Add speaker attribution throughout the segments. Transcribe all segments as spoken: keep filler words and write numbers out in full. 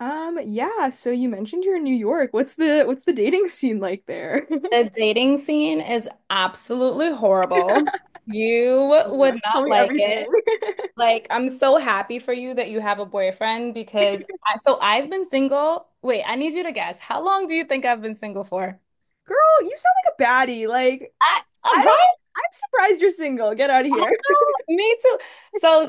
Speaker 1: Um, yeah, so you mentioned you're in New York. What's the what's the dating scene like there?
Speaker 2: The dating scene is absolutely horrible. You
Speaker 1: Oh my
Speaker 2: would
Speaker 1: gosh,
Speaker 2: not
Speaker 1: tell me
Speaker 2: like
Speaker 1: everything.
Speaker 2: it. Like, I'm so happy for you that you have a boyfriend because I, so I've been single. Wait, I need you to guess. How long do you think I've been single for?
Speaker 1: Girl, you sound like a baddie. Like,
Speaker 2: I, uh,
Speaker 1: I don't even,
Speaker 2: right?
Speaker 1: I'm surprised you're single. Get out of here.
Speaker 2: Me too. So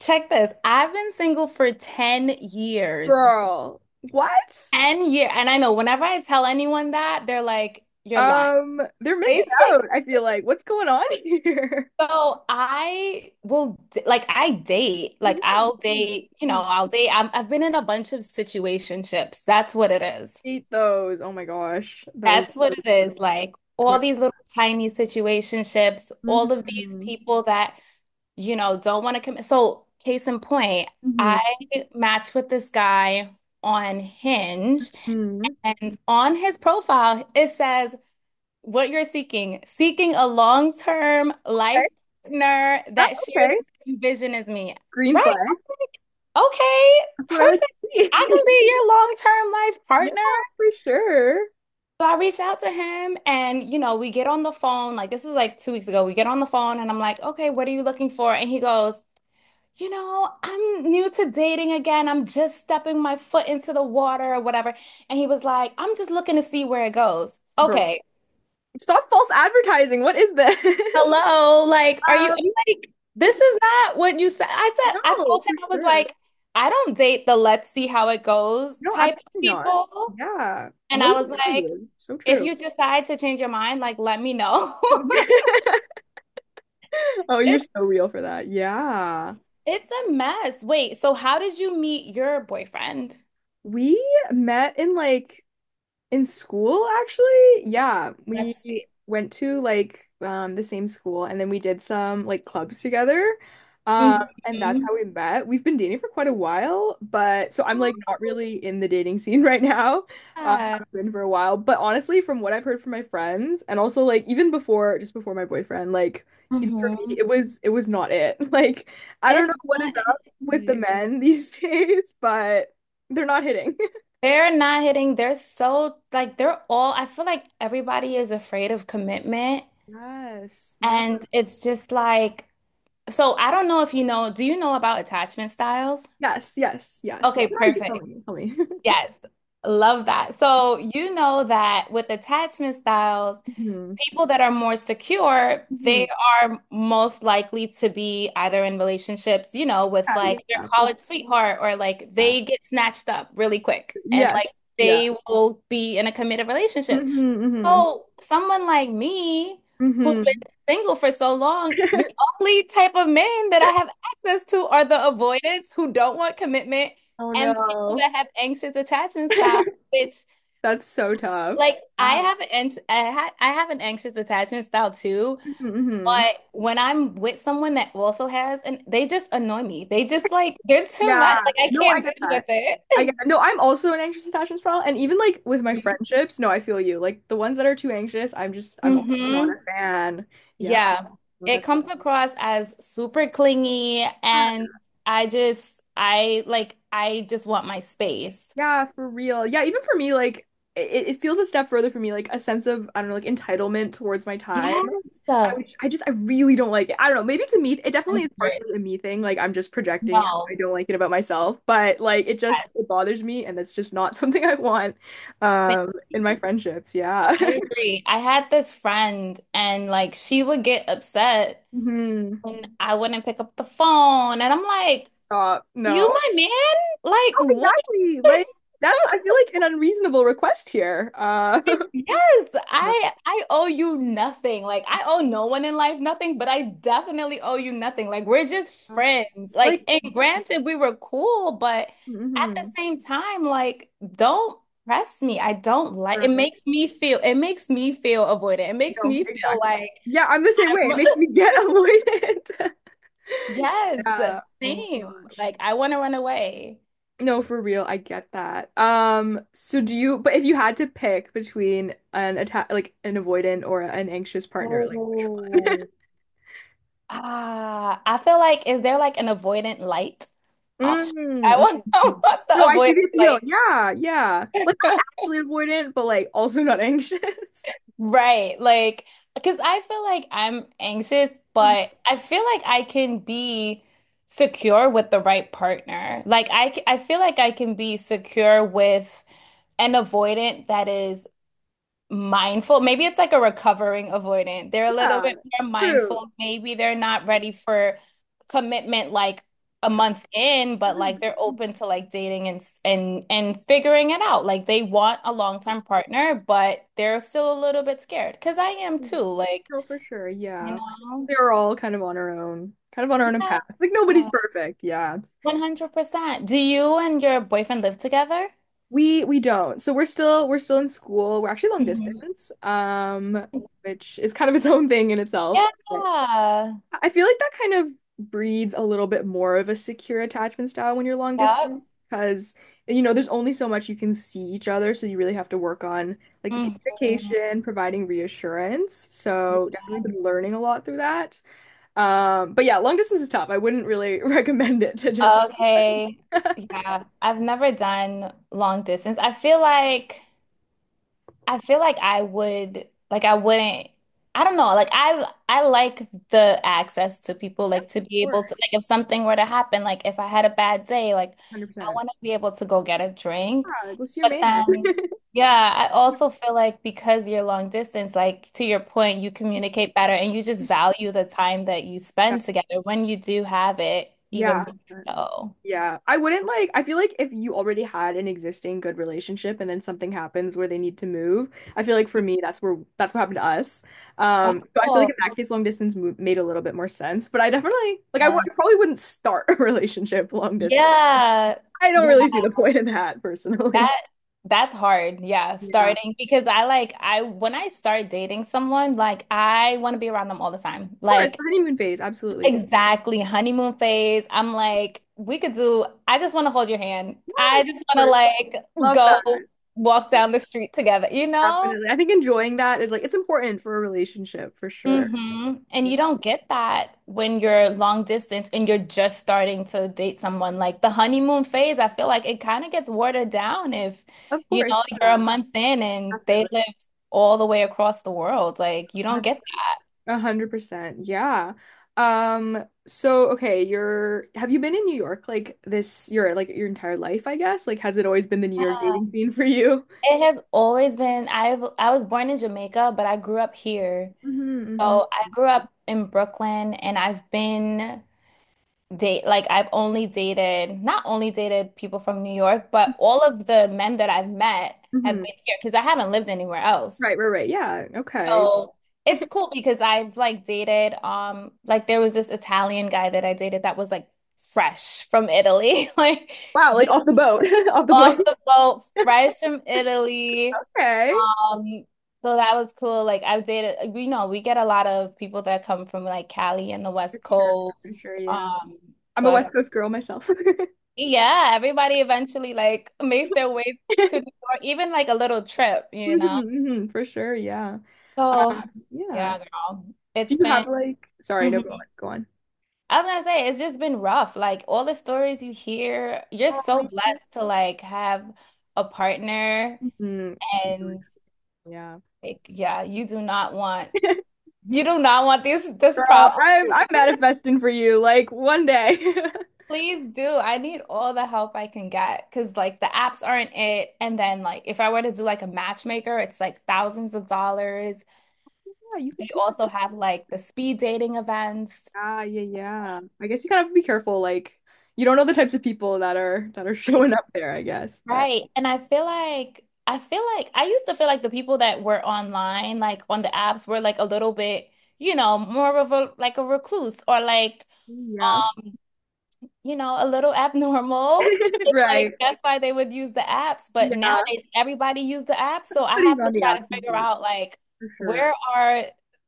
Speaker 2: check this. I've been single for ten years.
Speaker 1: Girl, what?
Speaker 2: ten year. And I know whenever I tell anyone that, they're like, you're lying.
Speaker 1: Um, they're missing
Speaker 2: Basically.
Speaker 1: out, I feel like. What's going on here?
Speaker 2: So I will d- like I date like
Speaker 1: Mhm,
Speaker 2: I'll
Speaker 1: mhm,
Speaker 2: date you know
Speaker 1: mhm.
Speaker 2: I'll date I've, I've been in a bunch of situationships. that's what it is
Speaker 1: Hate those. Oh my gosh. Those,
Speaker 2: that's what it
Speaker 1: those-
Speaker 2: is like
Speaker 1: yeah.
Speaker 2: all these little tiny situationships, all of these
Speaker 1: hmm
Speaker 2: people that, you know, don't want to commit. So case in point, I matched with this guy on Hinge,
Speaker 1: hmm
Speaker 2: and on his profile it says what you're seeking, seeking a long-term
Speaker 1: Okay.
Speaker 2: life partner
Speaker 1: Yeah,
Speaker 2: that shares
Speaker 1: okay.
Speaker 2: the same vision as me.
Speaker 1: Green
Speaker 2: Right.
Speaker 1: flag.
Speaker 2: I'm like, okay,
Speaker 1: That's what I like
Speaker 2: perfect.
Speaker 1: to see.
Speaker 2: I can be your long-term life
Speaker 1: Yeah,
Speaker 2: partner.
Speaker 1: for sure.
Speaker 2: So I reached out to him and, you know, we get on the phone. Like, this was like two weeks ago. We get on the phone and I'm like, okay, what are you looking for? And he goes, you know, I'm new to dating again. I'm just stepping my foot into the water or whatever. And he was like, I'm just looking to see where it goes.
Speaker 1: Girl,
Speaker 2: Okay.
Speaker 1: stop false advertising. What is this?
Speaker 2: Hello, like, are you,
Speaker 1: Um,
Speaker 2: I'm like, this is not what you said. I said, I
Speaker 1: no,
Speaker 2: told
Speaker 1: for
Speaker 2: him, I was
Speaker 1: sure.
Speaker 2: like, I don't date the let's see how it goes
Speaker 1: No,
Speaker 2: type of
Speaker 1: absolutely not.
Speaker 2: people.
Speaker 1: Yeah,
Speaker 2: And
Speaker 1: no
Speaker 2: I was like,
Speaker 1: value. So
Speaker 2: if you
Speaker 1: true.
Speaker 2: decide to change your mind, like, let me know.
Speaker 1: Oh, you're
Speaker 2: It,
Speaker 1: so real for that. Yeah.
Speaker 2: it's a mess. Wait, so how did you meet your boyfriend?
Speaker 1: We met in like In school, actually, yeah, we
Speaker 2: That's sweet.
Speaker 1: went to like um, the same school, and then we did some like clubs together, um,
Speaker 2: Hmm
Speaker 1: and that's how we met. We've been dating for quite a while, but so I'm like not really in the dating scene right now. Um, I've been for a while, but honestly, from what I've heard from my friends, and also like even before, just before my boyfriend, like even for me,
Speaker 2: hmm
Speaker 1: it was it was not it. Like I don't know
Speaker 2: It's
Speaker 1: what is
Speaker 2: not
Speaker 1: up with the
Speaker 2: it.
Speaker 1: men these days, but they're not hitting.
Speaker 2: They're not hitting. They're so like they're all. I feel like everybody is afraid of commitment.
Speaker 1: Yes. Yeah.
Speaker 2: And it's just like, so I don't know if you know, do you know about attachment styles?
Speaker 1: Yes, yes, yes.
Speaker 2: Okay,
Speaker 1: Where are you Tell
Speaker 2: perfect.
Speaker 1: me, tell me.
Speaker 2: Yes. Love that. So you know that with attachment styles,
Speaker 1: hmm
Speaker 2: people that are more secure,
Speaker 1: hmm
Speaker 2: they are most likely to be either in relationships, you know, with
Speaker 1: Yeah, yeah,
Speaker 2: like their
Speaker 1: yeah, for
Speaker 2: college
Speaker 1: sure.
Speaker 2: sweetheart, or like
Speaker 1: Yeah.
Speaker 2: they get snatched up really quick and like
Speaker 1: Yes, yeah.
Speaker 2: they will be in a committed relationship.
Speaker 1: hmm
Speaker 2: So someone like me,
Speaker 1: hmm
Speaker 2: who's been
Speaker 1: hmm
Speaker 2: single for so long, the only type of men that I have access to are the avoidants who don't want commitment
Speaker 1: Oh
Speaker 2: and the people
Speaker 1: no.
Speaker 2: that have anxious attachment style, which
Speaker 1: That's so tough.
Speaker 2: like I
Speaker 1: Yeah.
Speaker 2: have an anx- I ha I have an anxious attachment style too,
Speaker 1: hmm
Speaker 2: but when I'm with someone that also has, and they just annoy me. They just like they're too
Speaker 1: Yeah.
Speaker 2: much. Like I
Speaker 1: No, I
Speaker 2: can't
Speaker 1: get
Speaker 2: deal
Speaker 1: that.
Speaker 2: with
Speaker 1: I get
Speaker 2: it.
Speaker 1: that. No, I'm also an anxious attachment style. And even like with my friendships, no, I feel you. Like the ones that are too anxious, I'm just, I'm also not
Speaker 2: hmm
Speaker 1: a fan. Yeah.
Speaker 2: Yeah,
Speaker 1: Well,
Speaker 2: it
Speaker 1: that's
Speaker 2: comes across as super clingy, and I just, I like, I just want my space.
Speaker 1: Yeah, for real. Yeah, even for me, like it, it feels a step further for me, like a sense of, I don't know, like entitlement towards my time.
Speaker 2: Yes,
Speaker 1: I
Speaker 2: the
Speaker 1: would, I just, I really don't like it. I don't know. Maybe it's a me. It definitely is
Speaker 2: one hundred.
Speaker 1: partially a me thing. Like I'm just projecting. I
Speaker 2: No,
Speaker 1: don't like it about myself, but like it just,
Speaker 2: yes,
Speaker 1: it bothers me, and that's just not something I want,
Speaker 2: same.
Speaker 1: um, in my friendships. Yeah.
Speaker 2: I agree. I had this friend, and like, she would get upset,
Speaker 1: hmm
Speaker 2: and I wouldn't pick up the phone, and I'm like,
Speaker 1: Stop.
Speaker 2: "You
Speaker 1: No.
Speaker 2: my man? Like,
Speaker 1: Oh,
Speaker 2: what?"
Speaker 1: exactly. Like that's, I feel like an unreasonable request here. Uh,
Speaker 2: Yes,
Speaker 1: No.
Speaker 2: I I owe you nothing. Like I owe no one in life nothing, but I definitely owe you nothing. Like we're just friends. Like
Speaker 1: like,
Speaker 2: and granted we were cool, but at the
Speaker 1: hmm
Speaker 2: same time, like don't press me. I don't like it makes me feel it makes me feel avoided. It makes
Speaker 1: No,
Speaker 2: me feel
Speaker 1: exactly.
Speaker 2: like
Speaker 1: Yeah, I'm the same way.
Speaker 2: I'm
Speaker 1: It makes me get avoidant.
Speaker 2: yes,
Speaker 1: Yeah. Oh my
Speaker 2: same.
Speaker 1: gosh.
Speaker 2: Like I want to run away.
Speaker 1: No, for real, I get that. Um, so do you, but if you had to pick between an attack, like an avoidant or an anxious partner, like which one?
Speaker 2: Oh. Ah, I feel like is there like an avoidant light option? I
Speaker 1: Mm.
Speaker 2: want, I
Speaker 1: Mhm.
Speaker 2: want to
Speaker 1: No, I see
Speaker 2: avoid
Speaker 1: the appeal.
Speaker 2: lights.
Speaker 1: Yeah, yeah. Like not actually avoidant, but like also not anxious.
Speaker 2: Right. Like, because I feel like I'm anxious, but I feel like I can be secure with the right partner. Like, I, c- I feel like I can be secure with an avoidant that is mindful. Maybe it's like a recovering avoidant. They're a little
Speaker 1: Yeah,
Speaker 2: bit more
Speaker 1: true.
Speaker 2: mindful. Maybe they're not ready for commitment like a month in, but like
Speaker 1: Come-
Speaker 2: they're open to like dating and and and figuring it out. Like they want a long-term partner, but they're still a little bit scared. Cause I am
Speaker 1: Mm.
Speaker 2: too. Like,
Speaker 1: No, for sure.
Speaker 2: you
Speaker 1: Yeah.
Speaker 2: know.
Speaker 1: They're all kind of on our own, kind of on our own
Speaker 2: Yeah.
Speaker 1: paths. Like nobody's perfect. Yeah.
Speaker 2: one hundred percent. Do you and your boyfriend live together?
Speaker 1: We we don't. So we're still we're still in school. We're actually long
Speaker 2: Mhm.
Speaker 1: distance, um, which is kind of its own thing in itself. But
Speaker 2: Yeah.
Speaker 1: I feel like that kind of breeds a little bit more of a secure attachment style when you're long
Speaker 2: Yep.
Speaker 1: distance because you know there's only so much you can see each other, so you really have to work on like the
Speaker 2: Mhm.
Speaker 1: communication, providing reassurance. So definitely been learning a lot through that. Um, but yeah, long distance is tough. I wouldn't really recommend it to just
Speaker 2: Okay.
Speaker 1: anybody.
Speaker 2: Yeah. I've never done long distance. I feel like I feel like I would like I wouldn't I don't know. Like I I like the access to people,
Speaker 1: Yeah,
Speaker 2: like to
Speaker 1: of
Speaker 2: be able to
Speaker 1: course,
Speaker 2: like if something were to happen, like if I had a bad day, like I
Speaker 1: one hundred percent.
Speaker 2: want to be able to go get a drink.
Speaker 1: Yeah, go see your
Speaker 2: But
Speaker 1: man.
Speaker 2: then yeah, I also feel like because you're long distance, like to your point, you communicate better and you just value the time that you spend together when you do have it even
Speaker 1: Yeah.
Speaker 2: more
Speaker 1: Yeah.
Speaker 2: so.
Speaker 1: Yeah. I wouldn't like, I feel like if you already had an existing good relationship and then something happens where they need to move, I feel like for me, that's where that's what happened to us. Um, so I feel like
Speaker 2: Oh,
Speaker 1: in that case, long distance mo made a little bit more sense, but I definitely like, I w
Speaker 2: yeah.
Speaker 1: I probably wouldn't start a relationship long distance.
Speaker 2: Yeah.
Speaker 1: I don't
Speaker 2: Yeah,
Speaker 1: really see the point of that personally.
Speaker 2: that that's hard. Yeah,
Speaker 1: Yeah.
Speaker 2: starting because I like I when I start dating someone, like I want to be around them all the time.
Speaker 1: course, the
Speaker 2: Like
Speaker 1: honeymoon phase, absolutely. Of
Speaker 2: exactly, honeymoon phase. I'm like we could do, I just want to hold your hand, I just want to
Speaker 1: course.
Speaker 2: like
Speaker 1: Love that.
Speaker 2: go walk down the street together, you know?
Speaker 1: Definitely. I think enjoying that is like it's important for a relationship for sure.
Speaker 2: Hmm And
Speaker 1: Yeah.
Speaker 2: you don't get that when you're long distance and you're just starting to date someone. Like the honeymoon phase, I feel like it kind of gets watered down if,
Speaker 1: Of
Speaker 2: you
Speaker 1: course.
Speaker 2: know, you're a
Speaker 1: Yeah,
Speaker 2: month in and they
Speaker 1: definitely.
Speaker 2: live all the way across the world. Like you don't get that.
Speaker 1: one hundred percent. A hundred percent. Yeah. Um, so okay, you're have you been in New York like this your like your entire life, I guess? Like has it always been the New York dating scene for you?
Speaker 2: It has always been, I've I was born in Jamaica, but I grew up here.
Speaker 1: Mm-hmm, hmm
Speaker 2: So I grew up in Brooklyn, and I've been date like I've only dated, not only dated people from New York, but all of the men that I've met have been
Speaker 1: Mm-hmm.
Speaker 2: here because I haven't lived anywhere else.
Speaker 1: Right, right, right. Yeah. Okay.
Speaker 2: So it's cool because I've like dated um like there was this Italian guy that I dated that was like fresh from Italy, like
Speaker 1: Wow, like
Speaker 2: just
Speaker 1: off the boat, off the plane.
Speaker 2: off the boat, fresh from Italy.
Speaker 1: Okay.
Speaker 2: Um So that was cool. Like I've dated, you know, we get a lot of people that come from like Cali and the
Speaker 1: For
Speaker 2: West
Speaker 1: sure, for
Speaker 2: Coast.
Speaker 1: sure, yeah.
Speaker 2: Um,
Speaker 1: I'm
Speaker 2: so
Speaker 1: a
Speaker 2: I've
Speaker 1: West Coast girl myself.
Speaker 2: Yeah, everybody eventually like makes their way to New York, even like a little trip, you know?
Speaker 1: hmm for sure, yeah.
Speaker 2: So,
Speaker 1: Uh, yeah.
Speaker 2: yeah, girl,
Speaker 1: Do
Speaker 2: it's
Speaker 1: you
Speaker 2: been,
Speaker 1: have like, sorry, no, go on,
Speaker 2: Mhm.
Speaker 1: go on.
Speaker 2: I was gonna say, it's just been rough. Like all the stories you hear, you're
Speaker 1: Oh
Speaker 2: so
Speaker 1: man.
Speaker 2: blessed to like have a partner,
Speaker 1: Mhm.
Speaker 2: and
Speaker 1: Yeah.
Speaker 2: like, yeah, you do not want, you do not want this, this
Speaker 1: Girl,
Speaker 2: problem.
Speaker 1: I'm I'm manifesting for you, like one day.
Speaker 2: Please do. I need all the help I can get because like the apps aren't it. And then like if I were to do like a matchmaker, it's like thousands of dollars.
Speaker 1: Yeah, you can
Speaker 2: They
Speaker 1: do
Speaker 2: also
Speaker 1: that.
Speaker 2: have like the speed dating events.
Speaker 1: Ah, yeah, yeah. I guess you kind of have to be careful, like you don't know the types of people that are that are
Speaker 2: Like,
Speaker 1: showing up there, I guess. But
Speaker 2: right. And I feel like I feel like I used to feel like the people that were online, like on the apps, were like a little bit, you know, more of a like a recluse, or like,
Speaker 1: yeah.
Speaker 2: you know, a little abnormal. It's like
Speaker 1: Right.
Speaker 2: that's why they would use the apps, but
Speaker 1: Yeah.
Speaker 2: nowadays everybody use the apps, so I
Speaker 1: Putting
Speaker 2: have to
Speaker 1: on the
Speaker 2: try to figure
Speaker 1: absences
Speaker 2: out like
Speaker 1: for sure.
Speaker 2: where are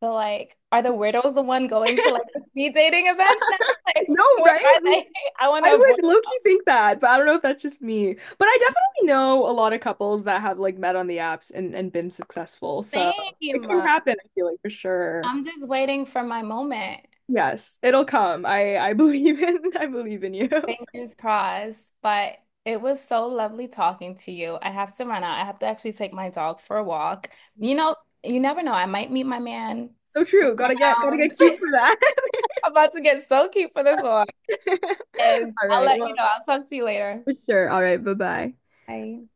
Speaker 2: the, like are the weirdos the one going to like the speed dating events now? Like
Speaker 1: No,
Speaker 2: where
Speaker 1: right?
Speaker 2: are they? I want to
Speaker 1: I
Speaker 2: avoid
Speaker 1: would low-key think that, but I don't know if that's just me. But I definitely know a lot of couples that have like met on the apps and, and been successful. So it
Speaker 2: same.
Speaker 1: can happen, I feel like for sure.
Speaker 2: I'm just waiting for my moment.
Speaker 1: Yes, it'll come. I I believe in I believe in you.
Speaker 2: Fingers crossed, but it was so lovely talking to you. I have to run out. I have to actually take my dog for a walk. You know, you never know. I might meet my man.
Speaker 1: So true. Gotta get gotta
Speaker 2: Down.
Speaker 1: get cute for that.
Speaker 2: I'm about to get so cute for this one. And
Speaker 1: All
Speaker 2: I'll
Speaker 1: right.
Speaker 2: let you
Speaker 1: Well,
Speaker 2: know. I'll talk to you later.
Speaker 1: for sure. All right. Bye-bye.
Speaker 2: Bye.